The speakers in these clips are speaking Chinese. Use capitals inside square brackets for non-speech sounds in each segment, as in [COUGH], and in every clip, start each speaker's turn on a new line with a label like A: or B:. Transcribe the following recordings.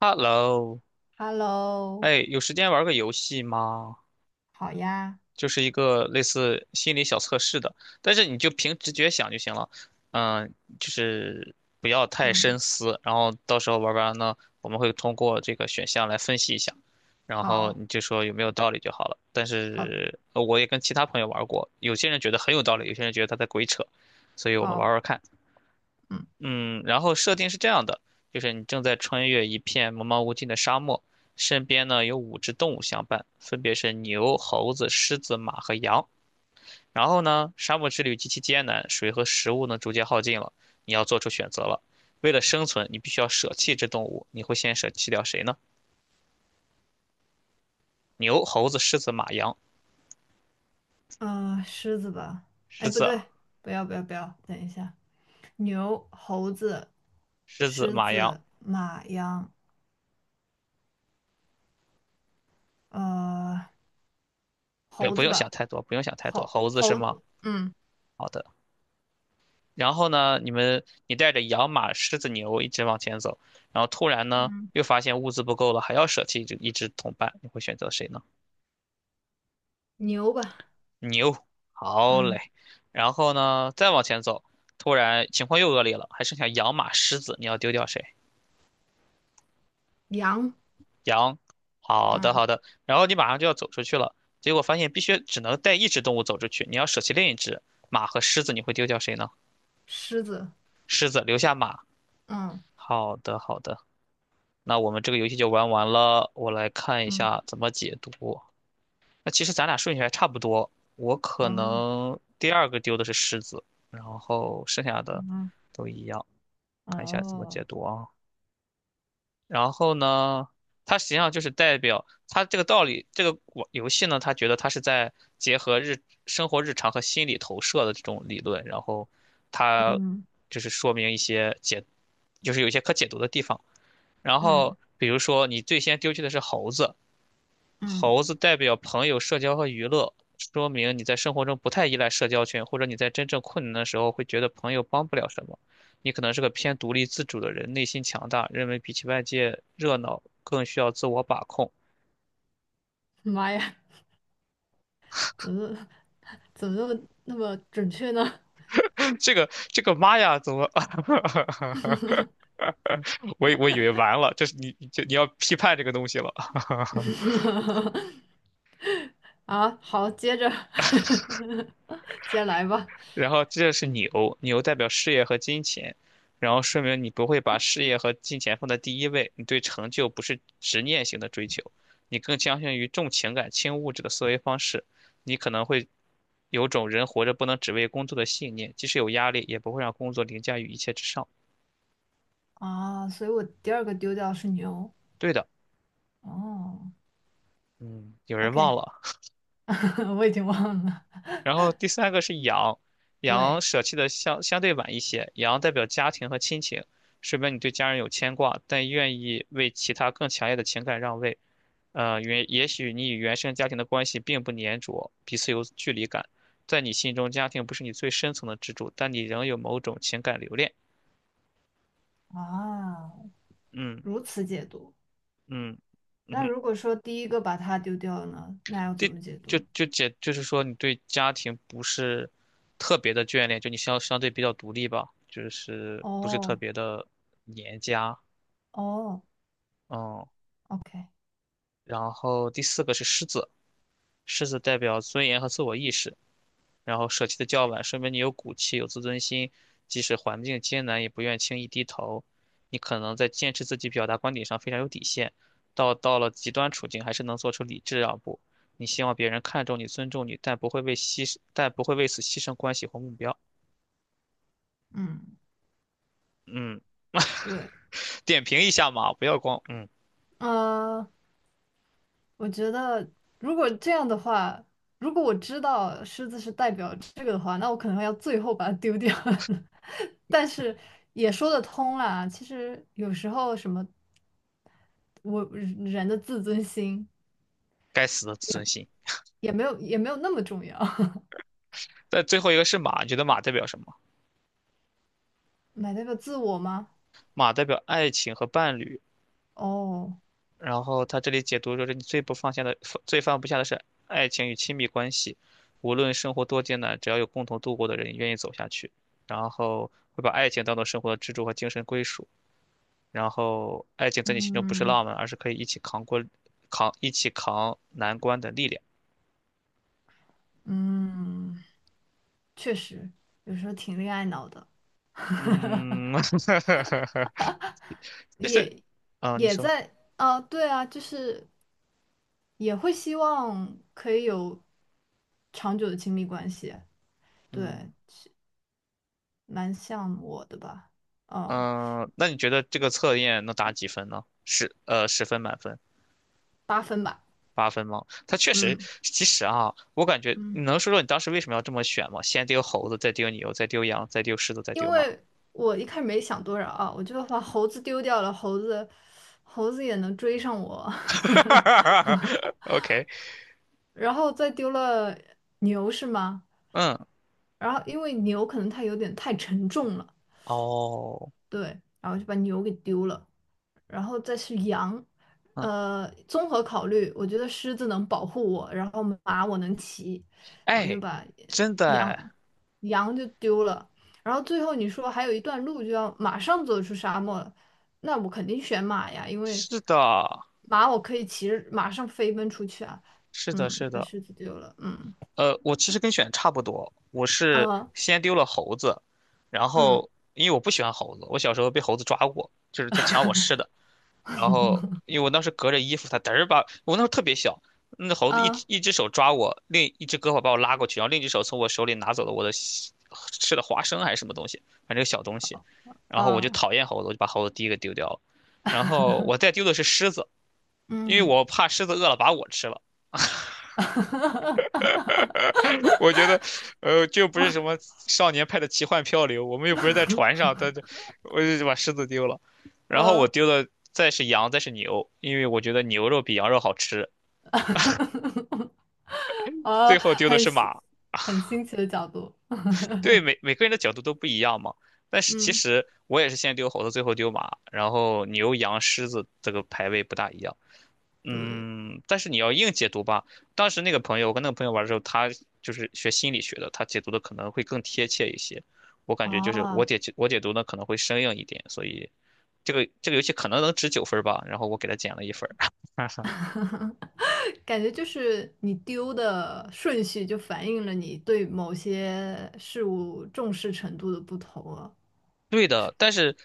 A: Hello,
B: Hello，
A: 哎，有时间玩个游戏吗？
B: 好呀，
A: 就是一个类似心理小测试的，但是你就凭直觉想就行了，嗯，就是不要太
B: 嗯，
A: 深思，然后到时候玩完呢，我们会通过这个选项来分析一下，然后
B: 好，
A: 你就说有没有道理就好了。但
B: 好，
A: 是我也跟其他朋友玩过，有些人觉得很有道理，有些人觉得他在鬼扯，所以我们玩
B: 好，
A: 玩看。
B: 嗯，
A: 嗯，然后设定是这样的，就是你正在穿越一片茫茫无尽的沙漠，身边呢有五只动物相伴，分别是牛、猴子、狮子、马和羊。然后呢，沙漠之旅极其艰难，水和食物呢逐渐耗尽了，你要做出选择了。为了生存，你必须要舍弃这动物，你会先舍弃掉谁呢？牛、猴子、狮子、马、羊。
B: 嗯，狮子吧，哎，
A: 狮
B: 不
A: 子啊，
B: 对，不要，不要，不要，等一下，牛、猴子、
A: 狮子，
B: 狮
A: 马、羊。
B: 子、马、羊，呃，
A: 不，
B: 猴
A: 不
B: 子
A: 用想
B: 吧，
A: 太多，不用想太多。
B: 猴
A: 猴子是吗？
B: 猴，嗯，
A: 好的。然后呢，你带着羊、马、狮子、牛一直往前走，然后突然呢，
B: 嗯，
A: 又发现物资不够了，还要舍弃一只同伴，你会选择谁呢？
B: 牛吧，
A: 牛，好嘞。
B: 嗯，
A: 然后呢，再往前走，突然情况又恶劣了，还剩下羊、马、狮子，你要丢掉谁？
B: 羊，
A: 羊，好的
B: 嗯，
A: 好的。然后你马上就要走出去了，结果发现必须只能带一只动物走出去，你要舍弃另一只马和狮子，你会丢掉谁呢？
B: 狮子，
A: 狮子留下马，
B: 嗯，
A: 好的好的。那我们这个游戏就玩完了，我来看一
B: 嗯，
A: 下怎么解读。那其实咱俩顺序还差不多，我可
B: 哦，
A: 能第二个丢的是狮子，然后剩下的
B: 嗯，
A: 都一样。看一下怎么解
B: 哦，
A: 读啊。然后呢，它实际上就是代表它这个道理，这个玩游戏呢，他觉得它是在结合日生活日常和心理投射的这种理论，然后它
B: 嗯，
A: 就是说明一些解，就是有一些可解读的地方。然后
B: 嗯，
A: 比如说你最先丢弃的是猴子，
B: 嗯，
A: 猴子代表朋友、社交和娱乐，说明你在生活中不太依赖社交圈，或者你在真正困难的时候会觉得朋友帮不了什么。你可能是个偏独立自主的人，内心强大，认为比起外界热闹更需要自我把控。
B: 妈呀，怎么 [LAUGHS] 怎么那么准确呢？
A: [LAUGHS] 这个这个妈呀，怎么？[LAUGHS] 我以为完了，这是你这你要批判这个东西了。
B: [LAUGHS] 啊，好，接着 [LAUGHS] 接着来吧。
A: 然后这是牛，牛代表事业和金钱，然后说明你不会把事业和金钱放在第一位，你对成就不是执念型的追求，你更倾向于重情感轻物质的思维方式，你可能会有种人活着不能只为工作的信念，即使有压力，也不会让工作凌驾于一切之上。
B: 啊，所以我第二个丢掉是牛。
A: 对的，
B: 哦
A: 嗯，有人忘
B: ，OK，
A: 了。
B: [LAUGHS] 我已经忘了。
A: 然后第三个是阳，
B: 对
A: 阳舍弃的相对晚一些，阳代表家庭和亲情，说明你对家人有牵挂，但愿意为其他更强烈的情感让位。也许你与原生家庭的关系并不粘着，彼此有距离感，在你心中家庭不是你最深层的支柱，但你仍有某种情感留恋。
B: 啊，
A: 嗯
B: 如此解读。
A: 嗯
B: 那
A: 嗯，
B: 如果说第一个把它丢掉了呢，那要怎
A: 第
B: 么解读？
A: 就解，就是说你对家庭不是特别的眷恋，就你相对比较独立吧，就是不是特
B: 哦
A: 别的黏家。
B: 哦
A: 嗯，
B: ，OK，
A: 然后第四个是狮子，狮子代表尊严和自我意识，然后舍弃的较晚，说明你有骨气、有自尊心，即使环境艰难，也不愿轻易低头。你可能在坚持自己表达观点上非常有底线，到了极端处境，还是能做出理智让步。你希望别人看重你、尊重你，但不会为此牺牲关系或目标。
B: 嗯，
A: 嗯，
B: 对，
A: [LAUGHS] 点评一下马，不要光嗯，
B: 呃。我觉得如果这样的话，如果我知道狮子是代表这个的话，那我可能要最后把它丢掉。[LAUGHS] 但是也说得通啦，其实有时候什么我人的自尊心
A: 该死的自尊心。
B: 也没有那么重要，[LAUGHS]
A: 在最后一个是马，你觉得马代表什么？
B: 买代表自我吗？
A: 马代表爱情和伴侣。
B: 哦，
A: 然后他这里解读说是你最不放下的、最放不下的是爱情与亲密关系，无论生活多艰难，只要有共同度过的人愿意走下去，然后会把爱情当做生活的支柱和精神归属，然后爱情在你心中不是
B: 嗯
A: 浪漫，而是可以一起扛过、一起扛难关的力量。
B: 嗯，确实有时候挺恋爱脑的，[LAUGHS]
A: 嗯，[LAUGHS] 就是，
B: 也
A: 啊，你
B: 也
A: 说，
B: 在啊，对啊，就是。也会希望可以有长久的亲密关系，对，
A: 嗯
B: 蛮像我的吧，哦，
A: 嗯，那你觉得这个测验能打几分呢？十分满分。
B: 八分吧，
A: 八分吗？他确实，
B: 嗯
A: 其实啊，我感觉你
B: 嗯，
A: 能说说你当时为什么要这么选吗？先丢猴子，再丢牛，再丢羊，再丢狮子，再
B: 因
A: 丢马。
B: 为我一开始没想多少啊，我就把猴子丢掉了，猴子也能追上我，
A: [LAUGHS]
B: [LAUGHS]
A: OK，
B: 然后再丢了牛是吗？
A: 嗯，
B: 然后因为牛可能它有点太沉重了，
A: 哦，
B: 对，然后就把牛给丢了。然后再是羊。
A: 嗯，
B: 综合考虑，我觉得狮子能保护我，然后马我能骑，我就
A: 哎，
B: 把
A: 真的，
B: 羊羊就丢了。然后最后你说还有一段路就要马上走出沙漠了，那我肯定选马呀，因为
A: 是的，
B: 马我可以骑着马上飞奔出去啊。
A: 是的，
B: 嗯，
A: 是
B: 把
A: 的。
B: 狮子丢了。嗯，
A: 我其实跟选差不多，我是
B: 呃，
A: 先丢了猴子，然
B: 嗯，
A: 后因为我不喜欢猴子，我小时候被猴子抓过，就是它抢我吃的。然后因为我当时隔着衣服，它嘚儿把我那时候特别小，那猴子
B: 呃，
A: 一只手抓我，另一只胳膊把我拉过去，然后另一只手从我手里拿走了我的西吃的花生还是什么东西，反正一个小东西。然后我就
B: 呃，
A: 讨厌猴子，我就把猴子第一个丢掉了。然后我再丢的是狮子，因为
B: 嗯，
A: 我怕狮子饿了把我吃了。
B: [LAUGHS]
A: [LAUGHS] 我觉得，就不是什么少年派的奇幻漂流，我们又不是在船上，我就把狮子丢了。然后我
B: 呃。
A: 丢的再是羊，再是牛，因为我觉得牛肉比羊肉好吃。
B: [LAUGHS]
A: 最
B: 啊，
A: 后丢的是马。
B: 很新奇的角度。[LAUGHS]
A: 对，每个人的角度都不一样嘛。但是其
B: 嗯，
A: 实我也是先丢猴子，最后丢马，然后牛、羊、狮子这个排位不大一样。
B: 对，
A: 嗯，但是你要硬解读吧，当时那个朋友，我跟那个朋友玩的时候，他就是学心理学的，他解读的可能会更贴切一些。我感觉就是
B: 啊，
A: 我解读呢可能会生硬一点，所以这个这个游戏可能能值九分吧，然后我给他减了一分儿。[LAUGHS]
B: 感觉就是你丢的顺序就反映了你对某些事物重视程度的不同啊。
A: 对的，但是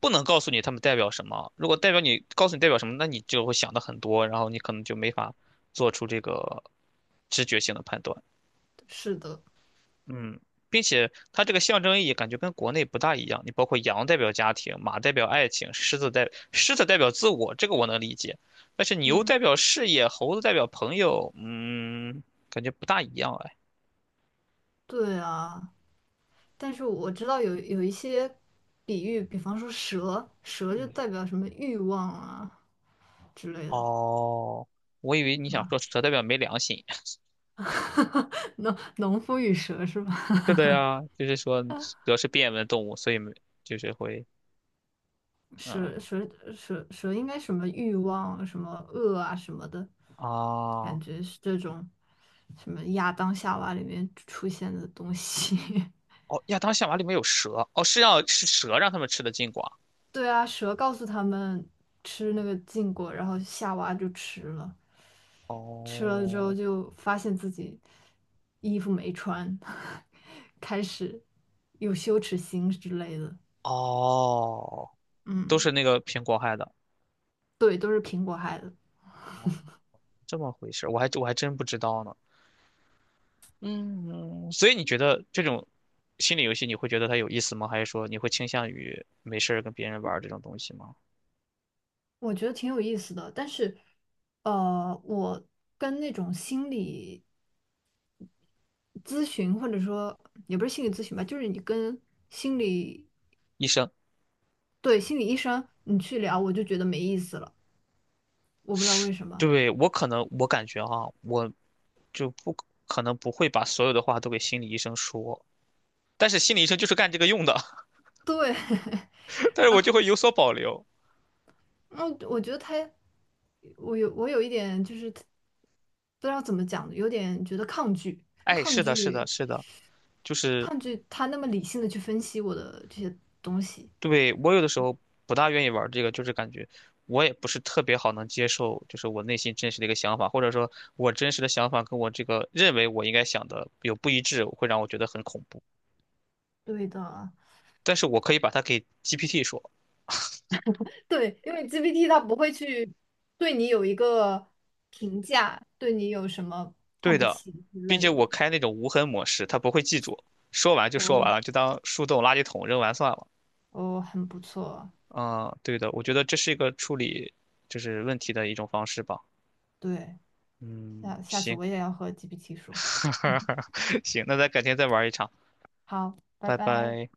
A: 不能告诉你他们代表什么。如果你告诉你代表什么，那你就会想的很多，然后你可能就没法做出这个直觉性的判断。
B: 是的，
A: 嗯，并且它这个象征意义感觉跟国内不大一样。你包括羊代表家庭，马代表爱情，狮子代表自我，这个我能理解。但是牛
B: 嗯，
A: 代表事业，猴子代表朋友，嗯，感觉不大一样哎。
B: 对啊，但是我知道有一些比喻，比方说蛇，蛇就代表什么欲望啊之类的，
A: 哦，我以为你
B: 是
A: 想
B: 吧？
A: 说蛇代表没良心。
B: [LAUGHS] 农夫与蛇是吧？
A: 是的呀，就是说
B: [LAUGHS]
A: 蛇是变温动物，所以没就是会，嗯，
B: 蛇蛇蛇应该什么欲望、什么恶啊什么的，
A: 啊，
B: 感觉是这种什么亚当夏娃里面出现的东西。[LAUGHS]
A: 哦，亚当夏娃里面有蛇，哦，是蛇让他们吃的禁果，
B: 对啊，蛇告诉他们吃那个禁果，然后夏娃就吃了，吃了之后
A: 哦，
B: 就发现自己衣服没穿，[LAUGHS] 开始有羞耻心之类的。
A: 哦，都
B: 嗯，
A: 是那个苹果害的，
B: 对，都是苹果害的。
A: 哦，这么回事我还真不知道呢，嗯，所以你觉得这种心理游戏你会觉得它有意思吗？还是说你会倾向于没事儿跟别人玩儿这种东西吗？
B: 我觉得挺有意思的，但是，我跟那种心理咨询，或者说也不是心理咨询吧，就是你跟心理，
A: 医生，
B: 对，心理医生你去聊，我就觉得没意思了，我不知道为什么。
A: 对，我可能我感觉哈，我就不可能不会把所有的话都给心理医生说，但是心理医生就是干这个用的，
B: 对，
A: [LAUGHS]
B: [LAUGHS]
A: 但是
B: 然
A: 我
B: 后
A: 就会有所保留。
B: 嗯我觉得他，我有一点就是不知道怎么讲，有点觉得抗拒，
A: 哎，
B: 抗
A: 是的，是的，
B: 拒，
A: 是的，就是
B: 抗拒他那么理性的去分析我的这些东西。
A: 对我有的时候不大愿意玩这个，就是感觉我也不是特别好能接受，就是我内心真实的一个想法，或者说我真实的想法跟我这个认为我应该想的有不一致，会让我觉得很恐怖。
B: 对的。
A: 但是我可以把它给 GPT 说，
B: 对，因为 GPT 它不会去对你有一个评价，对你有什么看
A: 对
B: 不
A: 的，
B: 起之
A: 并且
B: 类
A: 我
B: 的。
A: 开那种无痕模式，它不会记住，说完就说
B: 哦
A: 完了，就当树洞垃圾桶扔完算了。
B: 哦，很不错。
A: 啊，对的，我觉得这是一个处理就是问题的一种方式吧。
B: 对，
A: 嗯，
B: 下次
A: 行，
B: 我也要和 GPT 说。[LAUGHS] 嗯，
A: [LAUGHS] 行，那咱改天再玩一场，
B: 好，拜
A: 拜
B: 拜。
A: 拜。